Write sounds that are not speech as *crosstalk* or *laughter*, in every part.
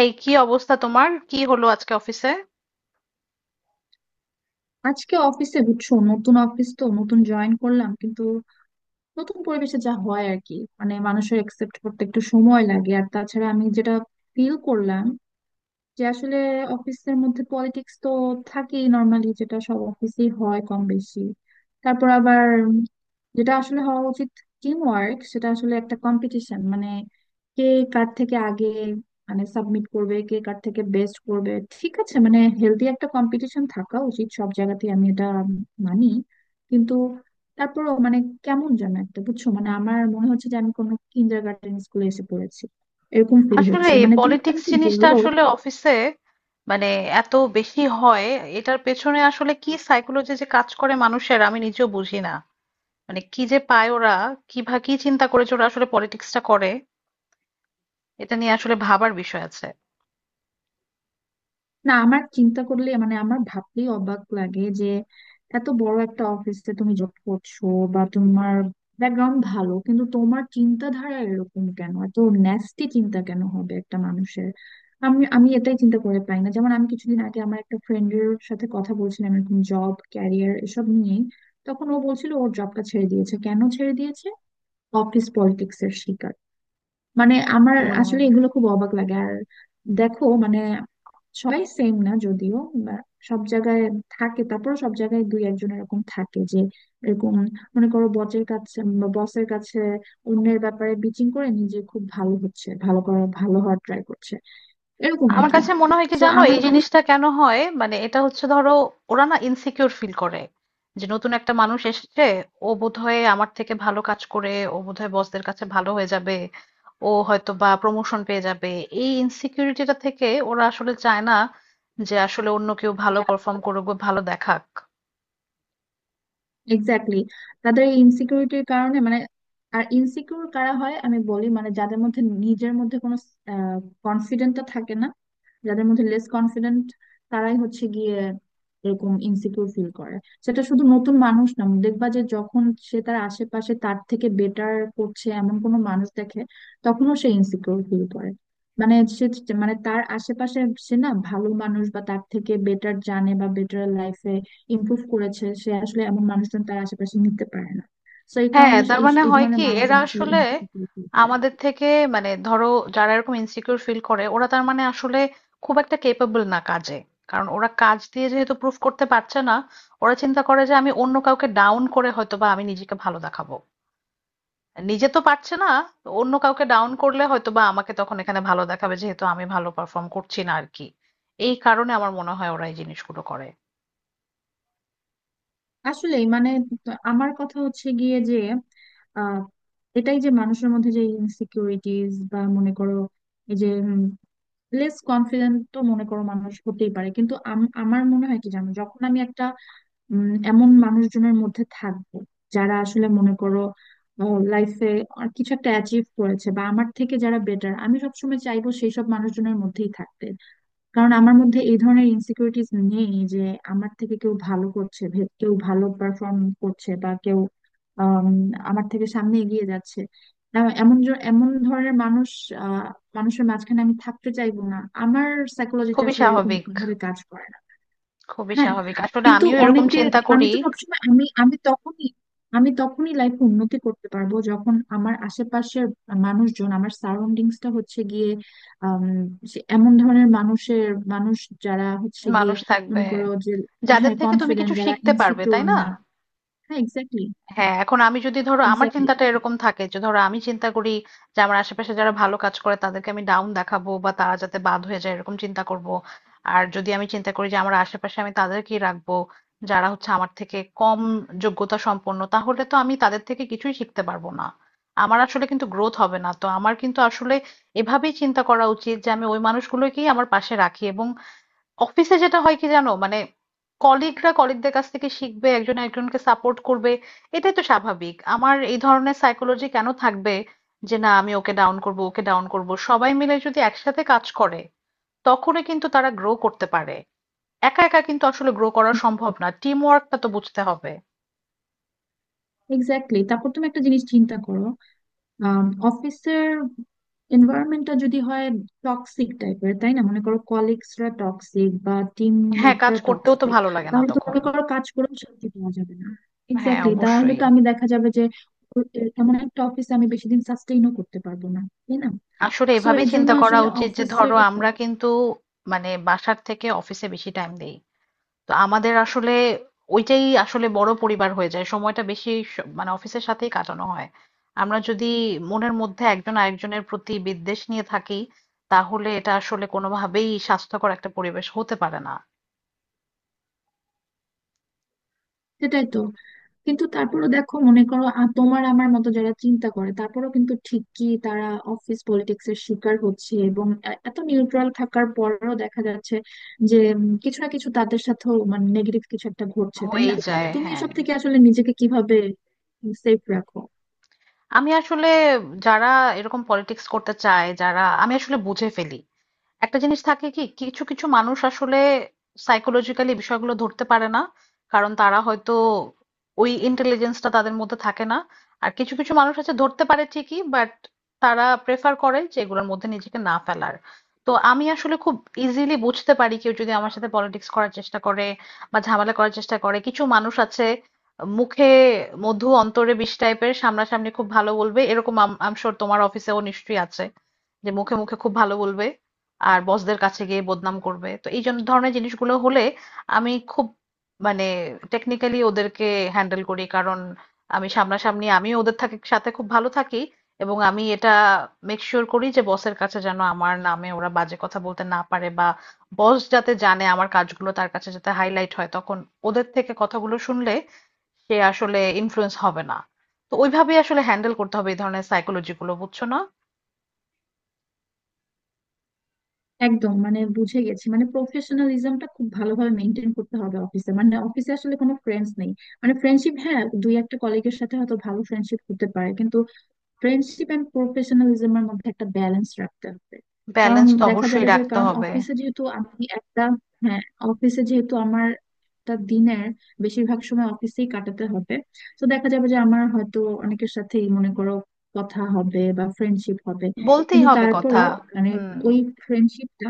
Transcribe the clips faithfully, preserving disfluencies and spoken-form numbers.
এই কি অবস্থা তোমার? কি হলো আজকে অফিসে? আজকে অফিসে বুঝছো, নতুন অফিস তো, নতুন জয়েন করলাম কিন্তু নতুন পরিবেশে যা হয় আর কি। মানে মানুষের একসেপ্ট করতে একটু সময় লাগে। আর তাছাড়া আমি যেটা ফিল করলাম যে আসলে অফিসের মধ্যে পলিটিক্স তো থাকেই নর্মালি, যেটা সব অফিসেই হয় কম বেশি। তারপর আবার যেটা আসলে হওয়া উচিত টিম ওয়ার্ক, সেটা আসলে একটা কম্পিটিশন। মানে কে কার থেকে আগে মানে সাবমিট করবে, কে কার থেকে বেস্ট করবে। ঠিক আছে, মানে হেলদি একটা কম্পিটিশন থাকা উচিত সব জায়গাতে, আমি এটা মানি, কিন্তু তারপরও মানে কেমন যেন একটা, বুঝছো, মানে আমার মনে হচ্ছে যে আমি কোনো কিন্ডার গার্ডেন স্কুলে এসে পড়েছি, এরকম ফিল আসলে হচ্ছে। এই মানে তুমি তো পলিটিক্স আমাকে জিনিসটা বললো, আসলে অফিসে মানে এত বেশি হয়। এটার পেছনে আসলে কি সাইকোলজি যে কাজ করে মানুষের আমি নিজেও বুঝি না। মানে কি যে পায় ওরা, কি ভা কি চিন্তা করেছে ওরা আসলে পলিটিক্সটা করে। এটা নিয়ে আসলে ভাবার বিষয় আছে। না আমার চিন্তা করলে মানে আমার ভাবলেই অবাক লাগে যে এত বড় একটা অফিসে তুমি জব করছো বা তোমার ব্যাকগ্রাউন্ড ভালো, কিন্তু তোমার চিন্তাধারা এরকম কেন? এত ন্যাস্টি চিন্তা কেন হবে একটা মানুষের? আমি আমি এটাই চিন্তা করে পাই না। যেমন আমি কিছুদিন আগে আমার একটা ফ্রেন্ডের সাথে কথা বলছিলাম, এরকম জব ক্যারিয়ার এসব নিয়ে। তখন ও বলছিল ওর জবটা ছেড়ে দিয়েছে। কেন ছেড়ে দিয়েছে? অফিস পলিটিক্স এর শিকার। মানে আমার হুম। আসলে এগুলো খুব অবাক লাগে। আর দেখো মানে সবাই সেম না যদিও, বা সব জায়গায় থাকে। তারপর সব জায়গায় দুই একজন এরকম থাকে যে, এরকম, মনে করো বসের কাছে, বসের কাছে অন্যের ব্যাপারে বিচিং করে, নিজে খুব ভালো হচ্ছে, ভালো করা, ভালো হওয়ার ট্রাই করছে, এরকম আর আমার কি। কাছে মনে হয় কি তো জানো আমার এই কাছে জিনিসটা কেন হয়, মানে এটা হচ্ছে ধরো ওরা না ইনসিকিউর ফিল করে যে নতুন একটা মানুষ এসেছে, ও বোধহয় আমার থেকে ভালো কাজ করে, ও বোধহয় বসদের কাছে ভালো হয়ে যাবে, ও হয়তো বা প্রমোশন পেয়ে যাবে। এই ইনসিকিউরিটিটা থেকে ওরা আসলে চায় না যে আসলে অন্য কেউ ভালো পারফর্ম করুক বা ভালো দেখাক। এক্স্যাক্টলি, তাদের এই ইনসিকিউরিটির কারণে মানে। আর ইনসিকিউর কারা হয় আমি বলি, মানে যাদের মধ্যে নিজের মধ্যে কোনো কনফিডেন্টটা থাকে না, যাদের মধ্যে লেস কনফিডেন্ট, তারাই হচ্ছে গিয়ে এরকম ইনসিকিউর ফিল করে। সেটা শুধু নতুন মানুষ না, দেখবা যে যখন সে তার আশেপাশে তার থেকে বেটার করছে এমন কোনো মানুষ দেখে, তখনও সে ইনসিকিউর ফিল করে। মানে সে মানে তার আশেপাশে সে না, ভালো মানুষ বা তার থেকে বেটার জানে বা বেটার লাইফে ইমপ্রুভ করেছে, সে আসলে এমন মানুষজন তার আশেপাশে নিতে পারে না। তো এই হ্যাঁ, কারণে সে- তার এই মানে এই হয় ধরনের কি এরা মানুষজন আসলে আসলে ইনফ্লুয়েন্স করে। আমাদের থেকে মানে ধরো যারা এরকম ইনসিকিউর ফিল করে ওরা তার মানে আসলে খুব একটা কেপেবল না কাজে, কারণ ওরা কাজ দিয়ে যেহেতু প্রুফ করতে পারছে না ওরা চিন্তা করে যে আমি অন্য কাউকে ডাউন করে হয়তো বা আমি নিজেকে ভালো দেখাবো। নিজে তো পারছে না, তো অন্য কাউকে ডাউন করলে হয়তো বা আমাকে তখন এখানে ভালো দেখাবে, যেহেতু আমি ভালো পারফর্ম করছি না আর কি। এই কারণে আমার মনে হয় ওরা এই জিনিসগুলো করে। আসলে মানে ত- আমার কথা হচ্ছে গিয়ে যে আহ এটাই যে মানুষের মধ্যে যে ইনসিকিউরিটিজ বা মনে করো এই যে লেস কনফিডেন্ট, তো মনে করো মানুষ হতেই পারে, কিন্তু আম- আমার মনে হয় কি জানো, যখন আমি একটা উম, এমন মানুষজনের মধ্যে থাকবো যারা আসলে মনে করো লাইফে কিছু একটা অ্যাচিভ করেছে বা আমার থেকে যারা বেটার, আমি সবসময় চাইবো সেই সব মানুষজনের মধ্যেই থাকতে। কারণ আমার মধ্যে এই ধরনের ইনসিকিউরিটিস নেই যে আমার থেকে কেউ ভালো করছে, ভে- কেউ ভালো পারফর্ম করছে বা কেউ আম, আমার থেকে সামনে এগিয়ে যাচ্ছে। এ- এমন জ- এমন ধরনের মানুষ, আহ, মানুষের মাঝখানে আমি থাকতে চাইবো না। আমার সাইকোলজিতে খুবই আসলে এরকম স্বাভাবিক। ভাবে কাজ করে না। খুবই হ্যাঁ, স্বাভাবিক, আসলে কিন্তু আমিও এরকম অনেকে, চিন্তা আমি করি। তো সবসময়, আমি আমি তখনই, আমি তখনই লাইফে উন্নতি করতে পারবো যখন আমার আশেপাশের মানুষজন, আমার সারাউন্ডিংসটা হচ্ছে গিয়ে আম, সে- এমন ধরনের মানুষের মানুষ যারা হচ্ছে গিয়ে মানুষ থাকবে মনে করো যে, হ্যাঁ, যাদের থেকে তুমি কনফিডেন্ট, কিছু যারা শিখতে পারবে, ইনসিকিউর তাই না? না। হ্যাঁ এক্স্যাক্টলি। হ্যাঁ, এখন আমি যদি ধরো আমার এক্স্যাক্টলি চিন্তাটা এরকম থাকে যে ধরো আমি চিন্তা করি যে আমার আশেপাশে যারা ভালো কাজ করে তাদেরকে আমি ডাউন দেখাবো বা তারা যাতে বাদ হয়ে যায় এরকম চিন্তা করব। আর যদি আমি চিন্তা করি যে আমার আশেপাশে আমি তাদেরকেই রাখবো যারা হচ্ছে আমার থেকে কম যোগ্যতা সম্পন্ন, তাহলে তো আমি তাদের থেকে কিছুই শিখতে পারবো না, আমার আসলে কিন্তু গ্রোথ হবে না। তো আমার কিন্তু আসলে এভাবেই চিন্তা করা উচিত যে আমি ওই মানুষগুলোকেই আমার পাশে রাখি। এবং অফিসে যেটা হয় কি জানো মানে কলিগরা কলিগদের কাছ থেকে শিখবে, একজন একজনকে সাপোর্ট করবে, এটাই তো স্বাভাবিক। আমার এই ধরনের সাইকোলজি কেন থাকবে যে না আমি ওকে ডাউন করব ওকে ডাউন করব। সবাই মিলে যদি একসাথে কাজ করে তখনই কিন্তু তারা গ্রো করতে পারে, একা একা কিন্তু আসলে গ্রো করা সম্ভব না। টিম ওয়ার্কটা তো বুঝতে হবে। এক্স্যাক্টলি তারপর তুমি একটা জিনিস চিন্তা করো, অফিসের এনভায়রনমেন্টটা যদি হয় টক্সিক টাইপের, তাই না? মনে করো কলিগসরা টক্সিক বা হ্যাঁ, কাজ টিমমেটরা করতেও তো টক্সিক, ভালো লাগে না তাহলে তো তখন। মনে করো কাজ করেও শান্তি পাওয়া যাবে না। হ্যাঁ, এক্স্যাক্টলি, তাহলে অবশ্যই। তো আমি দেখা যাবে যে ও- এ- এমন একটা অফিসে আমি বেশি দিন সাস্টেইনও করতে পারবো না, তাই না? আসলে সো এভাবেই এর জন্য চিন্তা করা আসলে উচিত যে অফিসের, ধরো আমরা কিন্তু মানে বাসার থেকে অফিসে বেশি টাইম দেই, তো আমাদের আসলে ওইটাই আসলে বড় পরিবার হয়ে যায়, সময়টা বেশি স- মানে অফিসের সাথেই কাটানো হয়। আমরা যদি মনের মধ্যে একজন আরেকজনের প্রতি বিদ্বেষ নিয়ে থাকি, তাহলে এটা আসলে কোনোভাবেই স্বাস্থ্যকর একটা পরিবেশ হতে পারে না। সেটাই তো। কিন্তু তারপরও দেখো, মনে করো আ- তোমার আমার মতো যারা চিন্তা করে, তারপরও কিন্তু ঠিকই তারা অফিস পলিটিক্স এর শিকার হচ্ছে এবং এ- এত নিউট্রাল থাকার পরেও দেখা যাচ্ছে যে উম, কিছু না কিছু তাদের সাথেও মানে নেগেটিভ কিছু একটা ঘটছে, তাই হয়েই না? যায়, তুমি হ্যাঁ। এসব থেকে আসলে নিজেকে কিভাবে সেফ রাখো? আমি আসলে যারা এরকম পলিটিক্স করতে চায় যারা, আমি আসলে বুঝে ফেলি। একটা জিনিস থাকে কি, কিছু কিছু মানুষ আসলে সাইকোলজিক্যালি বিষয়গুলো ধরতে পারে না, কারণ তারা হয়তো ওই ইন্টেলিজেন্সটা তাদের মধ্যে থাকে না। আর কিছু কিছু মানুষ আছে ধরতে পারে ঠিকই বাট তারা প্রেফার করে যে এগুলোর মধ্যে নিজেকে না ফেলার। তো আমি আসলে খুব ইজিলি বুঝতে পারি কেউ যদি আমার সাথে পলিটিক্স করার চেষ্টা করে বা ঝামেলা করার চেষ্টা করে। কিছু মানুষ আছে মুখে মধু অন্তরে বিষ টাইপের, সামনাসামনি খুব ভালো বলবে এরকম। আম শিওর তোমার অফিসেও নিশ্চয়ই আছে, যে মুখে মুখে খুব ভালো বলবে আর বসদের কাছে গিয়ে বদনাম করবে। তো এই জন- ধরনের জিনিসগুলো হলে আমি খুব মানে টেকনিক্যালি ওদেরকে হ্যান্ডেল করি। কারণ আমি সামনাসামনি আমি ওদের থাকে সাথে খুব ভালো থাকি, এবং আমি এটা মেক শিওর করি যে বসের কাছে যেন আমার নামে ওরা বাজে কথা বলতে না পারে, বা বস যাতে জানে আমার কাজগুলো, তার কাছে যাতে হাইলাইট হয়, তখন ওদের থেকে কথাগুলো শুনলে সে আসলে ইনফ্লুয়েন্স হবে না। তো ওইভাবেই আসলে হ্যান্ডেল করতে হবে এই ধরনের সাইকোলজি গুলো, বুঝছো না? একদম, মানে বুঝে গেছি। মানে প্রফেশনালিজমটা খুব ভালোভাবে মেনটেন করতে হবে অফিসে। মানে অফিসে আসলে কোনো ফ্রেন্ডস নেই। মানে ফ্রেন্ডশিপ, হ্যাঁ, দুই একটা কলিগের সাথে হয়তো ভালো ফ্রেন্ডশিপ করতে পারে, কিন্তু ফ্রেন্ডশিপ এন্ড প্রফেশনালিজমের মধ্যে একটা ব্যালেন্স রাখতে হবে। কারণ ব্যালেন্স তো দেখা অবশ্যই যাবে যে, রাখতে কারণ হবে। অফিসে যেহেতু আমি একটা, হ্যাঁ, অফিসে যেহেতু আমার একটা দিনের বেশিরভাগ সময় অফিসেই কাটাতে হবে, তো দেখা যাবে যে আমার হয়তো অনেকের সাথেই মনে করো কথা হবে বা ফ্রেন্ডশিপ হবে, বলতেই কিন্তু হবে কথা। তারপরও মানে হুম। ওই ফ্রেন্ডশিপটা,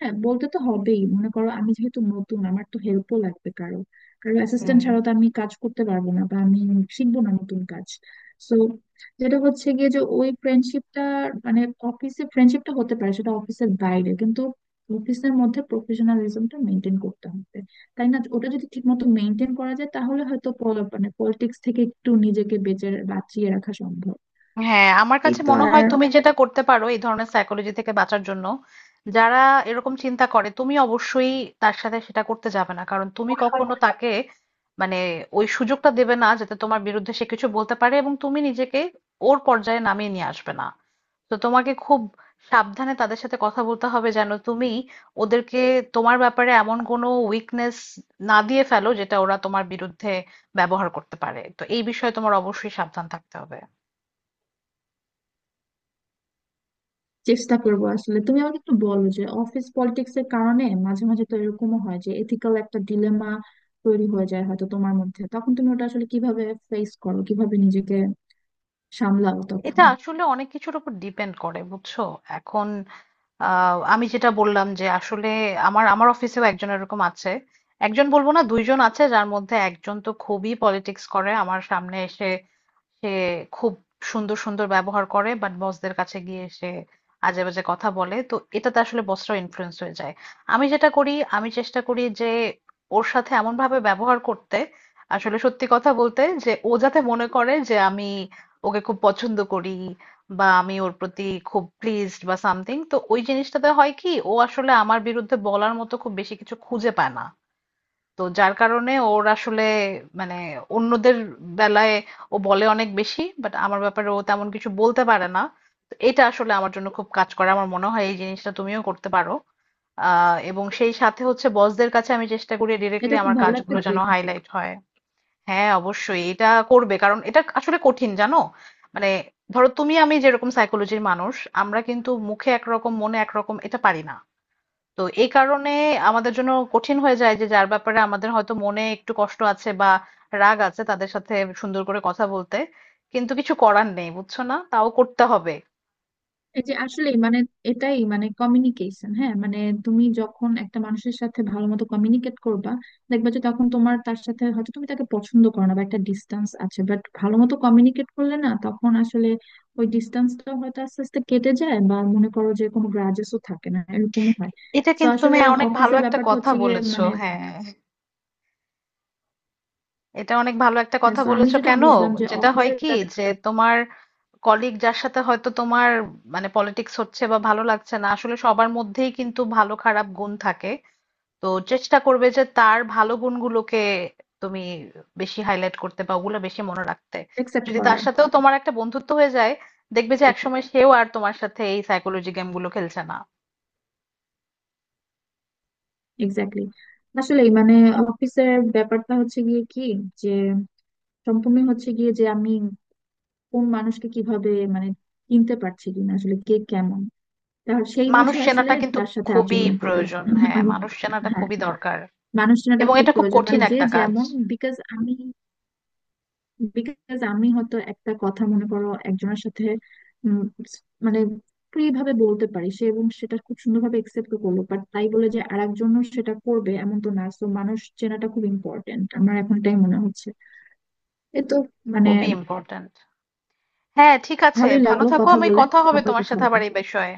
হ্যাঁ, বলতে তো হবেই। মনে করো আমি যেহেতু নতুন, আমার তো হেল্পও লাগবে কারো। কারো অ্যাসিস্ট্যান্ট হুম ছাড়া তো আমি কাজ করতে পারবো না বা আমি শিখবো না নতুন কাজ। সো যেটা হচ্ছে গিয়ে যে ওই ফ্রেন্ডশিপটা মানে অফিসে ফ্রেন্ডশিপটা হতে পারে সেটা অফিসের বাইরে, কিন্তু অফিসের মধ্যে প্রফেশনালিজমটা মেনটেন করতে হবে, তাই না? ওটা যদি ঠিক মতো মেনটেন করা যায় তাহলে হয়তো পল- মানে পলিটিক্স থেকে একটু নিজেকে বেঁচে বাঁচিয়ে রাখা সম্ভব। হ্যাঁ, আমার এই কাছে তো মনে হয় আর, তুমি যেটা করতে পারো এই ধরনের সাইকোলজি থেকে বাঁচার জন্য, যারা এরকম চিন্তা করে তুমি অবশ্যই তার সাথে সেটা করতে যাবে না, কারণ তুমি কখনো তাকে মানে ওই সুযোগটা দেবে না যাতে তোমার বিরুদ্ধে সে কিছু বলতে পারে, এবং তুমি নিজেকে ওর পর্যায়ে নামিয়ে নিয়ে আসবে না। তো তোমাকে খুব সাবধানে তাদের সাথে কথা বলতে হবে যেন তুমি ওদেরকে তোমার ব্যাপারে এমন কোনো উইকনেস না দিয়ে ফেলো যেটা ওরা তোমার বিরুদ্ধে ব্যবহার করতে পারে। তো এই বিষয়ে তোমার অবশ্যই সাবধান থাকতে হবে। চেষ্টা করবো। আসলে তুমি আমাকে একটু বলো যে অফিস পলিটিক্স এর কারণে মাঝে মাঝে তো এরকমও হয় যে এথিক্যাল একটা ডিলেমা তৈরি হয়ে যায় হয়তো তোমার মধ্যে, তখন তুমি ওটা আসলে কিভাবে ফেস করো, কিভাবে নিজেকে সামলাও এটা তখন? আসলে অনেক কিছুর উপর ডিপেন্ড করে, বুঝছো। এখন আহ, আমি যেটা বললাম যে আসলে আমার আমার অফিসেও একজন এরকম আছে, একজন বলবো না, দুইজন আছে, যার মধ্যে একজন তো খুবই পলিটিক্স করে। আমার সামনে এসে সে খুব সুন্দর সুন্দর ব্যবহার করে, বাট বসদের কাছে গিয়ে সে আজে বাজে কথা বলে, তো এটাতে আসলে বসরা ইনফ্লুয়েন্স হয়ে যায়। আমি যেটা করি, আমি চেষ্টা করি যে ওর সাথে এমন ভাবে ব্যবহার করতে, আসলে সত্যি কথা বলতে, যে ও যাতে মনে করে যে আমি ওকে খুব পছন্দ করি, বা আমি ওর প্রতি খুব প্লিজড বা সামথিং। তো ওই জিনিসটাতে হয় কি, ও আসলে আমার বিরুদ্ধে বলার মতো খুব বেশি কিছু খুঁজে পায় না। তো যার কারণে ওর আসলে মানে অন্যদের বেলায় ও বলে অনেক বেশি, বাট আমার ব্যাপারে ও তেমন কিছু বলতে পারে না। তো এটা আসলে আমার জন্য খুব কাজ করে, আমার মনে হয় এই জিনিসটা তুমিও করতে পারো। আহ এবং সেই সাথে হচ্ছে বসদের কাছে আমি চেষ্টা করি ডিরেক্টলি এটা খুব আমার ভালো একটা কাজগুলো যেন ট্রিক। হাইলাইট হয়। হ্যাঁ, অবশ্যই এটা করবে, কারণ এটা আসলে কঠিন জানো। মানে ধরো তুমি আমি যেরকম সাইকোলজির মানুষ, আমরা কিন্তু মুখে একরকম মনে একরকম এটা পারি না। তো এই কারণে আমাদের জন্য কঠিন হয়ে যায় যে যার ব্যাপারে আমাদের হয়তো মনে একটু কষ্ট আছে বা রাগ আছে, তাদের সাথে সুন্দর করে কথা বলতে। কিন্তু কিছু করার নেই, বুঝছো না, তাও করতে হবে। এই যে আসলে মানে, এটাই মানে কমিউনিকেশন। হ্যাঁ, মানে তুমি যখন একটা মানুষের সাথে ভালো মতো কমিউনিকেট করবা, দেখবা যে তখন তোমার তার সাথে, হয়তো তুমি তাকে পছন্দ করো না বা একটা ডিস্টেন্স আছে, বাট ভালো মতো কমিউনিকেট করলে না, তখন আসলে ওই ডিস্টেন্সটা হয়তো আস্তে আস্তে কেটে যায় বা মনে করো যে কোনো গ্রাজেসও থাকে না, এরকমও হয়। এটা তো কিন্তু তুমি আসলে অনেক ভালো অফিসের একটা ব্যাপারটা কথা হচ্ছে গিয়ে বলেছো, মানে, হ্যাঁ। এটা অনেক ভালো একটা হ্যাঁ, কথা তো আমি বলেছো। যেটা কেন বুঝলাম যে যেটা হয় অফিসের, কি, যে তোমার কলিগ যার সাথে হয়তো তোমার মানে পলিটিক্স হচ্ছে বা ভালো লাগছে না, আসলে সবার মধ্যেই কিন্তু ভালো খারাপ গুণ থাকে। তো চেষ্টা করবে যে তার ভালো গুণগুলোকে তুমি বেশি হাইলাইট করতে বা ওগুলো বেশি মনে রাখতে। অ্যাকসেপ্ট যদি তার করার, সাথেও তোমার একটা বন্ধুত্ব হয়ে যায়, দেখবে যে একসময় সেও আর তোমার সাথে এই সাইকোলজি গেমগুলো খেলছে না। এক্স্যাক্টলি। আসলে মানে অফিসের ব্যাপারটা হচ্ছে গিয়ে কি, যে সম্পূর্ণ হচ্ছে গিয়ে যে আমি কোন মানুষকে কিভাবে মানে চিনতে পারছি কিনা, আসলে কে কেমন তার সেই মানুষ বুঝে আসলে চেনাটা কিন্তু তার সাথে খুবই আচরণ করা। প্রয়োজন, *laughs* হ্যাঁ আমি, মানুষ চেনাটা হ্যাঁ, খুবই দরকার। মানুষ চেনাটা এবং খুব এটা খুব প্রয়োজন। মানে কঠিন যে একটা কাজ। যেমন, বিকজ আমি বিকজ আমি হয়তো একটা কথা মনে করো একজনের সাথে উম, মানে ফ্রি ভাবে বলতে পারি সে, এবং সেটা খুব সুন্দরভাবে একসেপ্ট করলো, বাট তাই বলে যে আর একজনও সেটা করবে এমন তো না। তো মানুষ চেনাটা খুব ইম্পর্টেন্ট, আমার এখন এটাই মনে হচ্ছে। এ তো মানে, খুবই ইম্পর্ট্যান্ট। হ্যাঁ, ঠিক আছে, ভালোই ভালো লাগলো থাকো, কথা আমি বলে। কথা হবে আবার তোমার কথা সাথে হবে। আবার এই বিষয়ে।